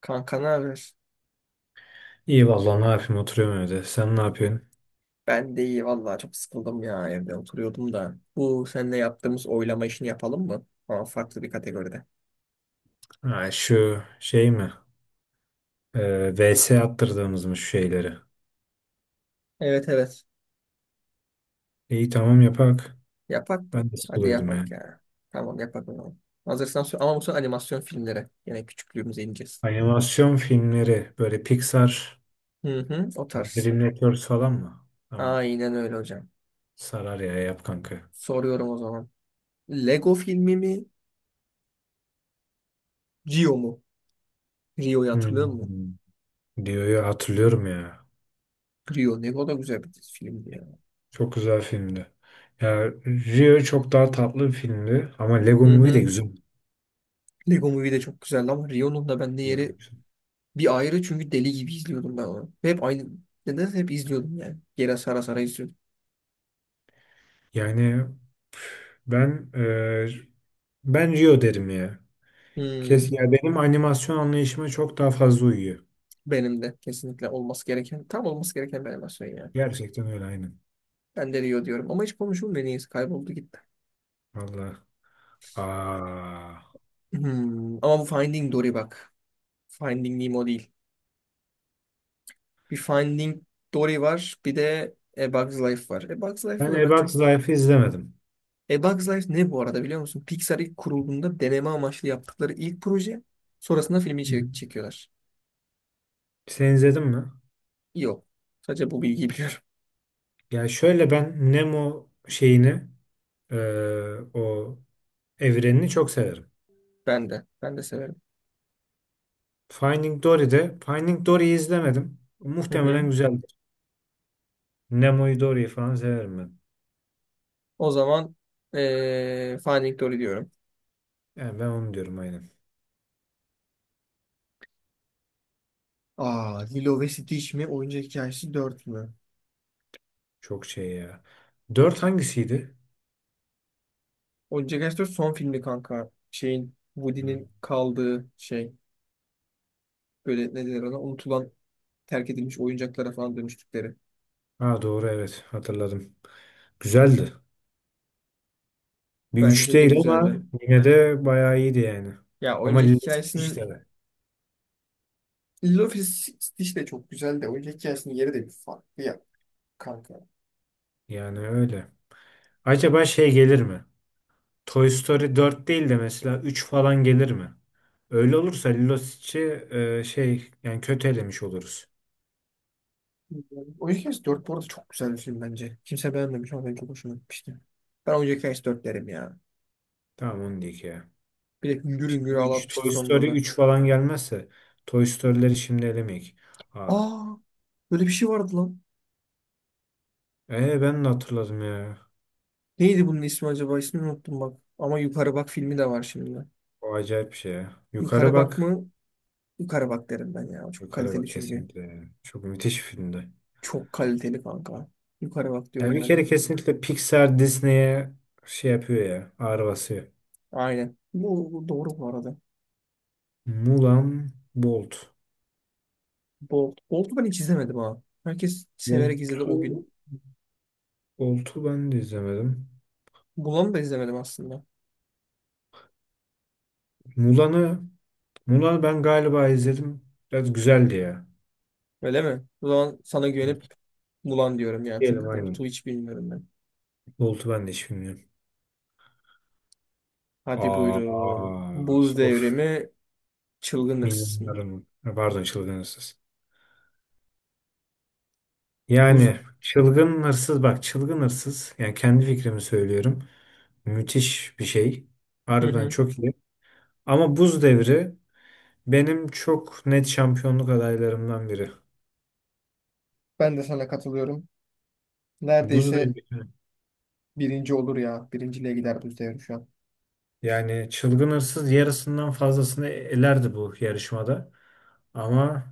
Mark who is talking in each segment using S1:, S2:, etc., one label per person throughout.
S1: Kanka ne haber?
S2: İyi vallahi ne yapayım, oturuyorum evde. Sen ne yapıyorsun?
S1: Ben de iyi vallahi çok sıkıldım ya evde oturuyordum da. Bu seninle yaptığımız oylama işini yapalım mı? Ama farklı bir kategoride.
S2: Ha, şu şey mi? VS attırdığımız mı şu şeyleri?
S1: Evet evet.
S2: İyi tamam, yapak.
S1: Yapak mı?
S2: Ben de
S1: Hadi
S2: sıkılıyordum
S1: yapak
S2: yani.
S1: ya. Tamam yapak o zaman. Hazırsan ama bu sefer animasyon filmlere. Yine küçüklüğümüze ineceğiz.
S2: Animasyon filmleri böyle Pixar,
S1: Hı hı, o tarz.
S2: Dream Networks falan mı? Tamam.
S1: Aynen öyle hocam.
S2: Sarar ya, yap kanka.
S1: Soruyorum o zaman. Lego filmi mi? Rio mu? Rio'yu hatırlıyor musun?
S2: Hmm. Rio'yu hatırlıyorum ya.
S1: Rio Lego da güzel bir filmdi ya.
S2: Çok güzel filmdi. Ya Rio çok daha tatlı bir filmdi ama Lego
S1: Hı
S2: Movie de
S1: hı.
S2: güzel.
S1: Lego Movie de çok güzeldi ama Rio'nun da bende yeri bir ayrı çünkü deli gibi izliyordum ben onu. Ve hep aynı. Neden hep izliyordum yani. Geri sara sara izliyordum.
S2: Yani ben e, ben Rio derim ya. Kes
S1: Hmm,
S2: ya, benim animasyon anlayışıma çok daha fazla uyuyor.
S1: benim de kesinlikle olması gereken, tam olması gereken bir animasyon yani.
S2: Gerçekten öyle, aynen.
S1: Ben de Rio diyorum ama hiç konuşulmuyor neyse kayboldu gitti.
S2: Vallahi. Aa.
S1: Ama bu Finding Dory bak. Finding Nemo değil. Bir Finding Dory var, bir de A Bug's Life var. A Bug's Life'ı
S2: Ben
S1: da ben
S2: Ebak
S1: çok...
S2: Zayf'ı izlemedim.
S1: A Bug's Life ne, bu arada biliyor musun? Pixar ilk kurulduğunda deneme amaçlı yaptıkları ilk proje. Sonrasında filmi
S2: Hı hı.
S1: çekiyorlar.
S2: Sen izledin mi?
S1: Yok. Sadece bu bilgiyi biliyorum.
S2: Ya şöyle, ben Nemo şeyini, o evrenini çok severim.
S1: Ben de. Ben de severim.
S2: Finding Dory'de Finding Dory'yi izlemedim.
S1: Hı hı.
S2: Muhtemelen güzeldir. Nemo'yu, Dory'yi falan severim ben.
S1: O zaman Finding Dory diyorum.
S2: Yani ben onu diyorum, aynen.
S1: Aa, Lilo ve Stitch mi? Oyuncak Hikayesi dört mü?
S2: Çok şey ya. Dört hangisiydi?
S1: Oyuncak Aşk'ta son filmi kanka. Şeyin
S2: Hı.
S1: Woody'nin kaldığı şey. Böyle ne denir ona? Unutulan, terk edilmiş oyuncaklara falan dönüştükleri.
S2: Ha doğru, evet hatırladım. Güzeldi. Bir 3
S1: Bence de
S2: değil ama
S1: güzeldi.
S2: yine de bayağı iyiydi yani.
S1: Ya
S2: Ama
S1: oyuncak
S2: Lilith
S1: hikayesinin
S2: işte
S1: Lilo ve Stitch de çok güzel de oyuncak hikayesinin yeri de bir farklı ya kanka.
S2: yani öyle. Acaba şey gelir mi? Toy Story dört değil de mesela 3 falan gelir mi? Öyle olursa Lilo Stitch'i şey yani kötü elemiş oluruz.
S1: Oyuncak Hikayesi dört bu arada çok güzel bir film bence. Kimse beğenmemiş ama ben çok hoşuma gitmişti. Ben oyuncak hikayesi 4 derim ya.
S2: Tamam, onu diyeyim ya.
S1: Bir de hüngür
S2: Şimdi
S1: hüngür
S2: üç,
S1: ağlatmıştı
S2: Toy
S1: sonunda
S2: Story
S1: da.
S2: üç falan gelmezse Toy Story'leri şimdi elemeyik. Aa,
S1: Aa, böyle bir şey vardı lan.
S2: ben de hatırladım ya.
S1: Neydi bunun ismi acaba? İsmini unuttum bak. Ama Yukarı Bak filmi de var şimdi.
S2: O acayip bir şey ya. Yukarı
S1: Yukarı Bak
S2: bak.
S1: mı? Yukarı Bak derim ben ya. Çok
S2: Yukarı
S1: kaliteli
S2: bak
S1: çünkü.
S2: kesinlikle yani. Çok müthiş bir filmdi.
S1: Çok kaliteli kanka. Yukarı Bak
S2: Ya
S1: diyorum
S2: bir
S1: ben
S2: kere
S1: de.
S2: kesinlikle Pixar Disney'e şey yapıyor ya. Ağır basıyor.
S1: Aynen. Bu doğru bu arada.
S2: Mulan, Bolt.
S1: Bolt. Bolt'u ben hiç izlemedim ha. Herkes severek izledi o gün.
S2: Bolt'u Bolt'u ben de izlemedim.
S1: Mulan'ı da izlemedim aslında.
S2: Mulan'ı Mulan'ı ben galiba izledim. Biraz güzeldi ya.
S1: Öyle mi? O zaman sana güvenip
S2: Evet.
S1: Mulan diyorum ya.
S2: Diyelim
S1: Çünkü Bolt'u
S2: aynen.
S1: hiç bilmiyorum ben.
S2: Bolt'u ben de hiç bilmiyorum.
S1: Hadi buyurun.
S2: Aa,
S1: Buz
S2: of.
S1: Devrimi, Çılgın hırsız mı?
S2: Milyonlarım. Ha, pardon, çılgın hırsız.
S1: Buz.
S2: Yani çılgın hırsız, bak çılgın hırsız. Yani kendi fikrimi söylüyorum. Müthiş bir şey.
S1: Hı
S2: Harbiden
S1: hı.
S2: çok iyi. Ama Buz Devri benim çok net şampiyonluk adaylarımdan biri.
S1: Ben de sana katılıyorum.
S2: Buz
S1: Neredeyse
S2: devri.
S1: birinci olur ya. Birinciliğe gider bu devri şu an.
S2: Yani çılgın hırsız yarısından fazlasını elerdi bu yarışmada. Ama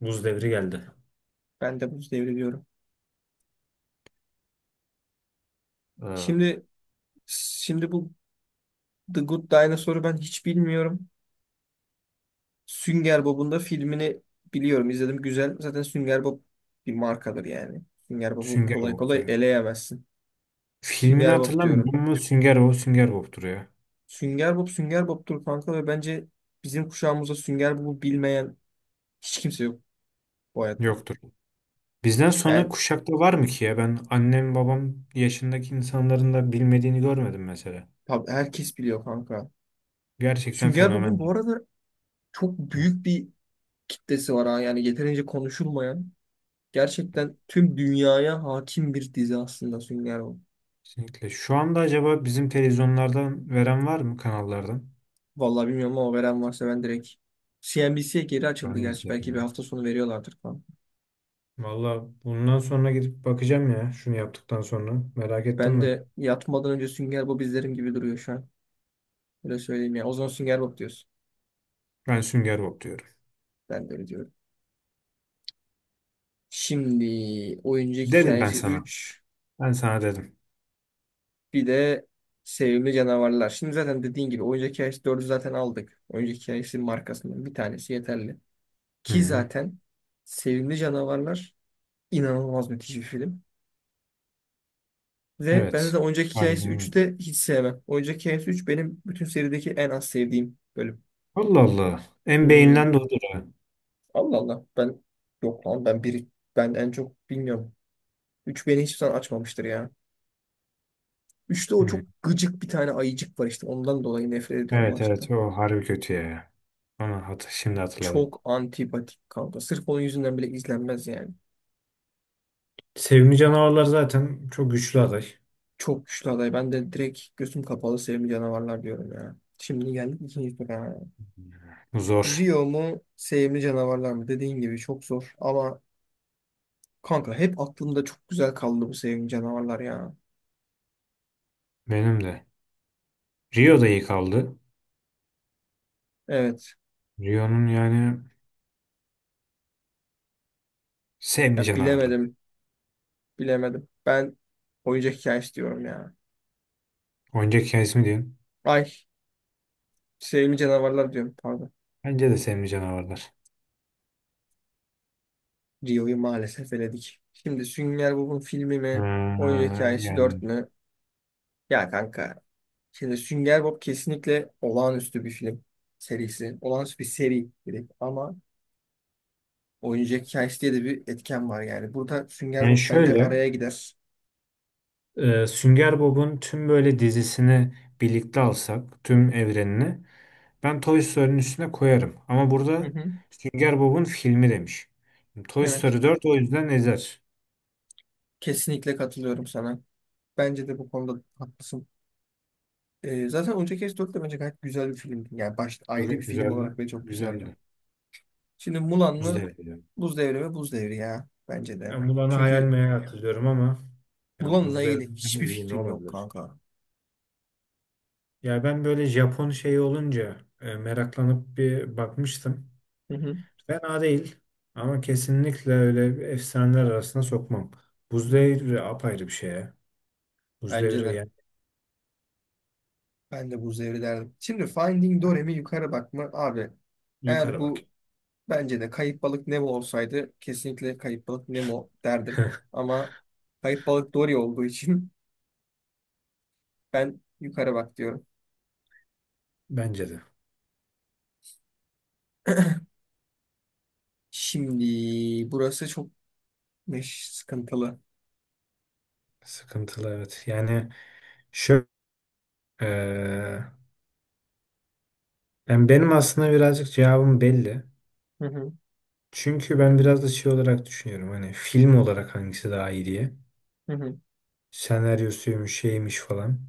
S2: buz devri geldi.
S1: Ben de buz devri diyorum.
S2: Ha.
S1: Şimdi şimdi bu The Good Dinosaur'u ben hiç bilmiyorum. Sünger Bob'un da filmini biliyorum. İzledim güzel. Zaten Sünger Bob bir markadır yani. Sünger Bob'u
S2: Sünger
S1: kolay
S2: Bob'tu
S1: kolay
S2: yani.
S1: eleyemezsin.
S2: Filmini
S1: Sünger Bob diyorum.
S2: hatırlamıyorum ama Sünger Bob Sünger Bob'tur ya.
S1: Sünger Bob Sünger Bob'tur kanka ve bence bizim kuşağımızda Sünger Bob'u bilmeyen hiç kimse yok bu hayatta.
S2: Yoktur. Bizden sonra
S1: Yani
S2: kuşakta var mı ki ya? Ben annem babam yaşındaki insanların da bilmediğini görmedim mesela.
S1: herkes biliyor kanka.
S2: Gerçekten
S1: Sünger
S2: fenomen
S1: Bob'un bu
S2: ya.
S1: arada çok
S2: Hı.
S1: büyük bir kitlesi var ha. Yani yeterince konuşulmayan. Gerçekten tüm dünyaya hakim bir dizi aslında Sünger Bob.
S2: Kesinlikle. Şu anda acaba bizim televizyonlardan veren var mı, kanallardan?
S1: Vallahi bilmiyorum ama veren varsa ben direkt CNBC'ye geri açıldı
S2: Ben de
S1: gerçi.
S2: izlerim
S1: Belki bir
S2: yani.
S1: hafta sonu veriyorlardır falan.
S2: Valla bundan sonra gidip bakacağım ya, şunu yaptıktan sonra. Merak
S1: Ben
S2: ettim
S1: de
S2: ben.
S1: yatmadan önce Sünger Bob izlerim gibi duruyor şu an. Öyle söyleyeyim ya. O zaman Sünger Bob diyorsun.
S2: Ben Sünger Bob diyorum.
S1: Ben de öyle diyorum. Şimdi oyuncu
S2: Dedim ben
S1: hikayesi
S2: sana.
S1: 3.
S2: Ben sana dedim.
S1: Bir de sevimli canavarlar. Şimdi zaten dediğin gibi oyuncak hikayesi dördü zaten aldık. Oyuncak hikayesi markasından bir tanesi yeterli.
S2: Hı
S1: Ki
S2: hı.
S1: zaten sevimli canavarlar inanılmaz müthiş bir film. Ve ben
S2: Evet.
S1: zaten oyuncak
S2: Harbi
S1: hikayesi
S2: ha.
S1: üçü de hiç sevmem. Oyuncak hikayesi üç benim bütün serideki en az sevdiğim bölüm.
S2: Allah Allah. En
S1: Hmm,
S2: beyinden de odur ha.
S1: Allah Allah. Ben yok lan, ben biri, ben en çok bilmiyorum. 3 beni hiçbir zaman açmamıştır ya. Üçte o
S2: Hı.
S1: çok gıcık bir tane ayıcık var işte. Ondan dolayı nefret ediyorum o
S2: Evet
S1: açıkta.
S2: evet, o harbi kötü ya. Ama hat şimdi hatırladım.
S1: Çok antipatik kanka. Sırf onun yüzünden bile izlenmez yani.
S2: Sevimli canavarlar zaten çok güçlü aday.
S1: Çok güçlü aday. Ben de direkt gözüm kapalı sevimli canavarlar diyorum ya. Şimdi geldik ikinci tura.
S2: Zor.
S1: Rio mu, sevimli canavarlar mı? Dediğin gibi çok zor. Ama kanka hep aklımda çok güzel kaldı bu sevimli canavarlar ya.
S2: Benim de. Rio da iyi kaldı.
S1: Evet.
S2: Rio'nun yani, sevimli
S1: Ya
S2: canavarlar.
S1: bilemedim. Bilemedim. Ben oyuncak hikayesi diyorum ya.
S2: Oyuncak hikayesi mi diyorsun?
S1: Ay, sevimli canavarlar diyorum pardon.
S2: Bence de sevimli canavarlar.
S1: Rio'yu maalesef eledik. Şimdi Sünger Bob'un filmi mi? Oyuncak
S2: Ha,
S1: hikayesi
S2: yani,
S1: dört mü? Ya kanka, şimdi Sünger Bob kesinlikle olağanüstü bir film serisi. Olağanüstü bir seri direkt ama oyuncak hikayesi diye de bir etken var yani. Burada Sünger
S2: yani
S1: Bob bence
S2: şöyle,
S1: araya gider.
S2: e, Sünger Bob'un tüm böyle dizisini birlikte alsak, tüm evrenini ben Toy Story'nin üstüne koyarım. Ama
S1: Hı
S2: burada
S1: hı.
S2: Sünger Bob'un filmi demiş. Toy
S1: Evet.
S2: Story dört, o yüzden ezer.
S1: Kesinlikle katılıyorum sana. Bence de bu konuda haklısın. Zaten Oyuncak Hikayesi 4 de bence gayet güzel bir filmdi. Yani ayrı bir
S2: Çok
S1: film
S2: güzel,
S1: olarak ve çok güzeldi.
S2: güzeldi.
S1: Şimdi Mulan
S2: Buz
S1: mı?
S2: Devri yani.
S1: Buz Devri mi? Buz Devri ya. Bence de.
S2: Ben bunu bana hayal
S1: Çünkü
S2: meyal hatırlıyorum ama yani
S1: Mulan'la
S2: Buz
S1: ilgili
S2: Devri'nden
S1: hiçbir
S2: iyi ne
S1: fikrim yok
S2: olabilir?
S1: kanka.
S2: Ya ben böyle Japon şeyi olunca meraklanıp bir bakmıştım.
S1: Hı hı.
S2: Fena değil ama kesinlikle öyle bir efsaneler arasına sokmam. Buz devri
S1: Hmm.
S2: apayrı bir şey ya. Buz
S1: Bence
S2: devri
S1: de.
S2: yani,
S1: Ben de buz devri derdim. Şimdi Finding Dory'mi yukarı bakma abi. Eğer
S2: yukarı bak.
S1: bu, bence de Kayıp Balık Nemo olsaydı kesinlikle Kayıp Balık Nemo derdim. Ama Kayıp Balık Dory olduğu için ben yukarı bak diyorum.
S2: Bence de.
S1: Şimdi burası çok sıkıntılı.
S2: Sıkıntılı, evet. Yani şöyle eee, ben benim aslında birazcık cevabım belli.
S1: Hı hı,
S2: Çünkü ben biraz da şey olarak düşünüyorum. Hani film olarak hangisi daha iyi diye.
S1: hı hı.
S2: Senaryosuymuş, şeymiş falan.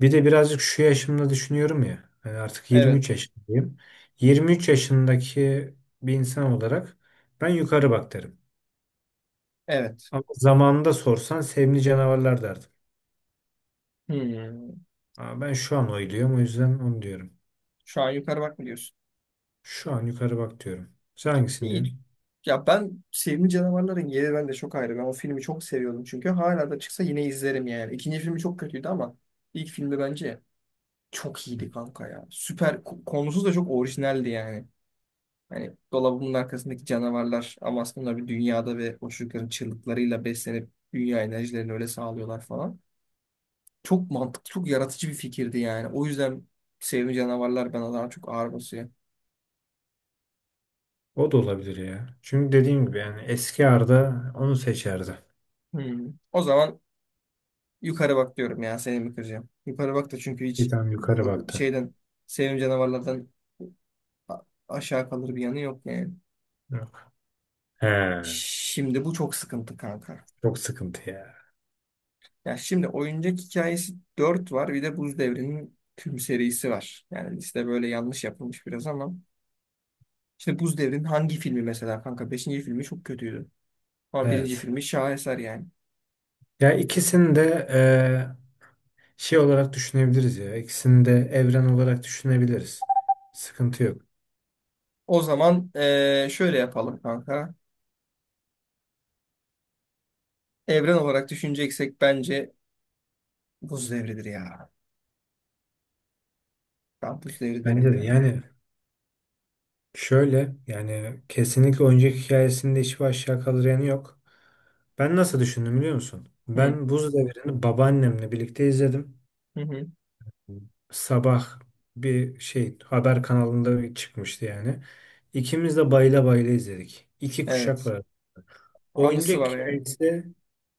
S2: Bir de birazcık şu yaşımda düşünüyorum ya, yani artık 23
S1: Evet.
S2: yaşındayım. 23 yaşındaki bir insan olarak ben yukarı bak derim.
S1: Evet.
S2: Ama zamanında sorsan sevimli canavarlar derdim.
S1: Hmm.
S2: Ama ben şu an oyluyorum, o yüzden onu diyorum.
S1: Şu an yukarı bak mı diyorsun?
S2: Şu an yukarı bak diyorum. Sen hangisini
S1: İyi.
S2: diyorsun?
S1: Ya ben Sevimli Canavarların yeri bende çok ayrı. Ben o filmi çok seviyordum çünkü hala da çıksa yine izlerim yani. İkinci filmi çok kötüydü ama ilk filmi bence çok iyiydi kanka ya. Süper konusu da çok orijinaldi yani. Hani dolabının arkasındaki canavarlar ama aslında bir dünyada ve o çocukların çığlıklarıyla beslenip dünya enerjilerini öyle sağlıyorlar falan. Çok mantıklı, çok yaratıcı bir fikirdi yani. O yüzden Sevimli Canavarlar bana daha çok ağır basıyor.
S2: O da olabilir ya. Çünkü dediğim gibi yani eski Arda onu seçerdi.
S1: Hmm. O zaman Yukarı bak diyorum ya, seni mi kıracağım? Yukarı bak da çünkü
S2: Bir
S1: hiç
S2: tane yukarı
S1: o
S2: baktı.
S1: şeyden sevim canavarlardan a- aşağı kalır bir yanı yok yani.
S2: Yok. He,
S1: Şimdi bu çok sıkıntı kanka.
S2: çok sıkıntı ya.
S1: Ya şimdi oyuncak hikayesi dört var, bir de Buz Devri'nin tüm serisi var. Yani liste böyle yanlış yapılmış biraz ama. Şimdi Buz Devri'nin hangi filmi mesela kanka? Beşinci filmi çok kötüydü. Ama birinci
S2: Evet.
S1: filmi şaheser yani.
S2: Ya ikisini de e, Şey olarak düşünebiliriz ya. İkisini de evren olarak düşünebiliriz. Sıkıntı yok.
S1: O zaman Şöyle yapalım kanka. Evren olarak düşüneceksek bence Buz Devri'dir ya. Kampüs devri derim
S2: Bence de
S1: yani.
S2: yani şöyle, yani kesinlikle oyuncak hikayesinde hiçbir aşağı kalır yanı yok. Ben nasıl düşündüm biliyor musun?
S1: Hı
S2: Ben Buz Devri'ni babaannemle birlikte izledim.
S1: hı. Hı.
S2: Sabah bir şey haber kanalında bir çıkmıştı yani. İkimiz de bayıla bayıla izledik. İki kuşak
S1: Evet.
S2: var.
S1: Anısı
S2: Oyuncak
S1: var yani.
S2: hikayesi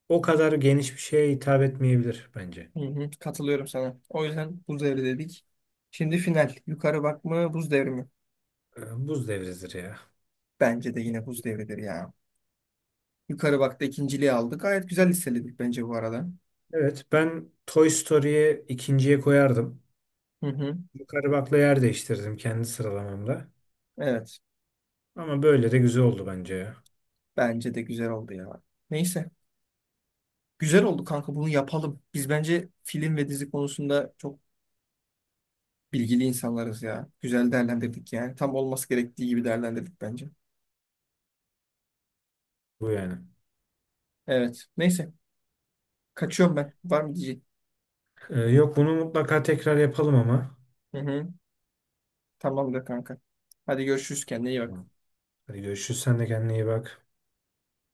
S2: o kadar geniş bir şeye hitap etmeyebilir bence.
S1: Hı hı. Katılıyorum sana. O yüzden buz devri dedik. Şimdi final. Yukarı bak mı buz devri mi?
S2: Buz Devri'dir ya.
S1: Bence de yine buz devridir ya. Yukarı bakta ikinciliği aldık. Gayet güzel listeledik bence bu arada.
S2: Evet, ben Toy Story'yi ikinciye koyardım.
S1: Hı hı.
S2: Yukarı bakla yer değiştirdim kendi sıralamamda.
S1: Evet.
S2: Ama böyle de güzel oldu bence ya.
S1: Bence de güzel oldu ya. Neyse. Güzel oldu kanka, bunu yapalım. Biz bence film ve dizi konusunda çok bilgili insanlarız ya. Güzel değerlendirdik yani. Tam olması gerektiği gibi değerlendirdik bence.
S2: Bu yani.
S1: Evet. Neyse. Kaçıyorum ben. Var mı diyecek?
S2: Yok, bunu mutlaka tekrar yapalım ama.
S1: Hı hı. Tamamdır kanka. Hadi görüşürüz, kendine iyi bak.
S2: Tamam. Hadi görüşürüz. Sen de kendine iyi bak.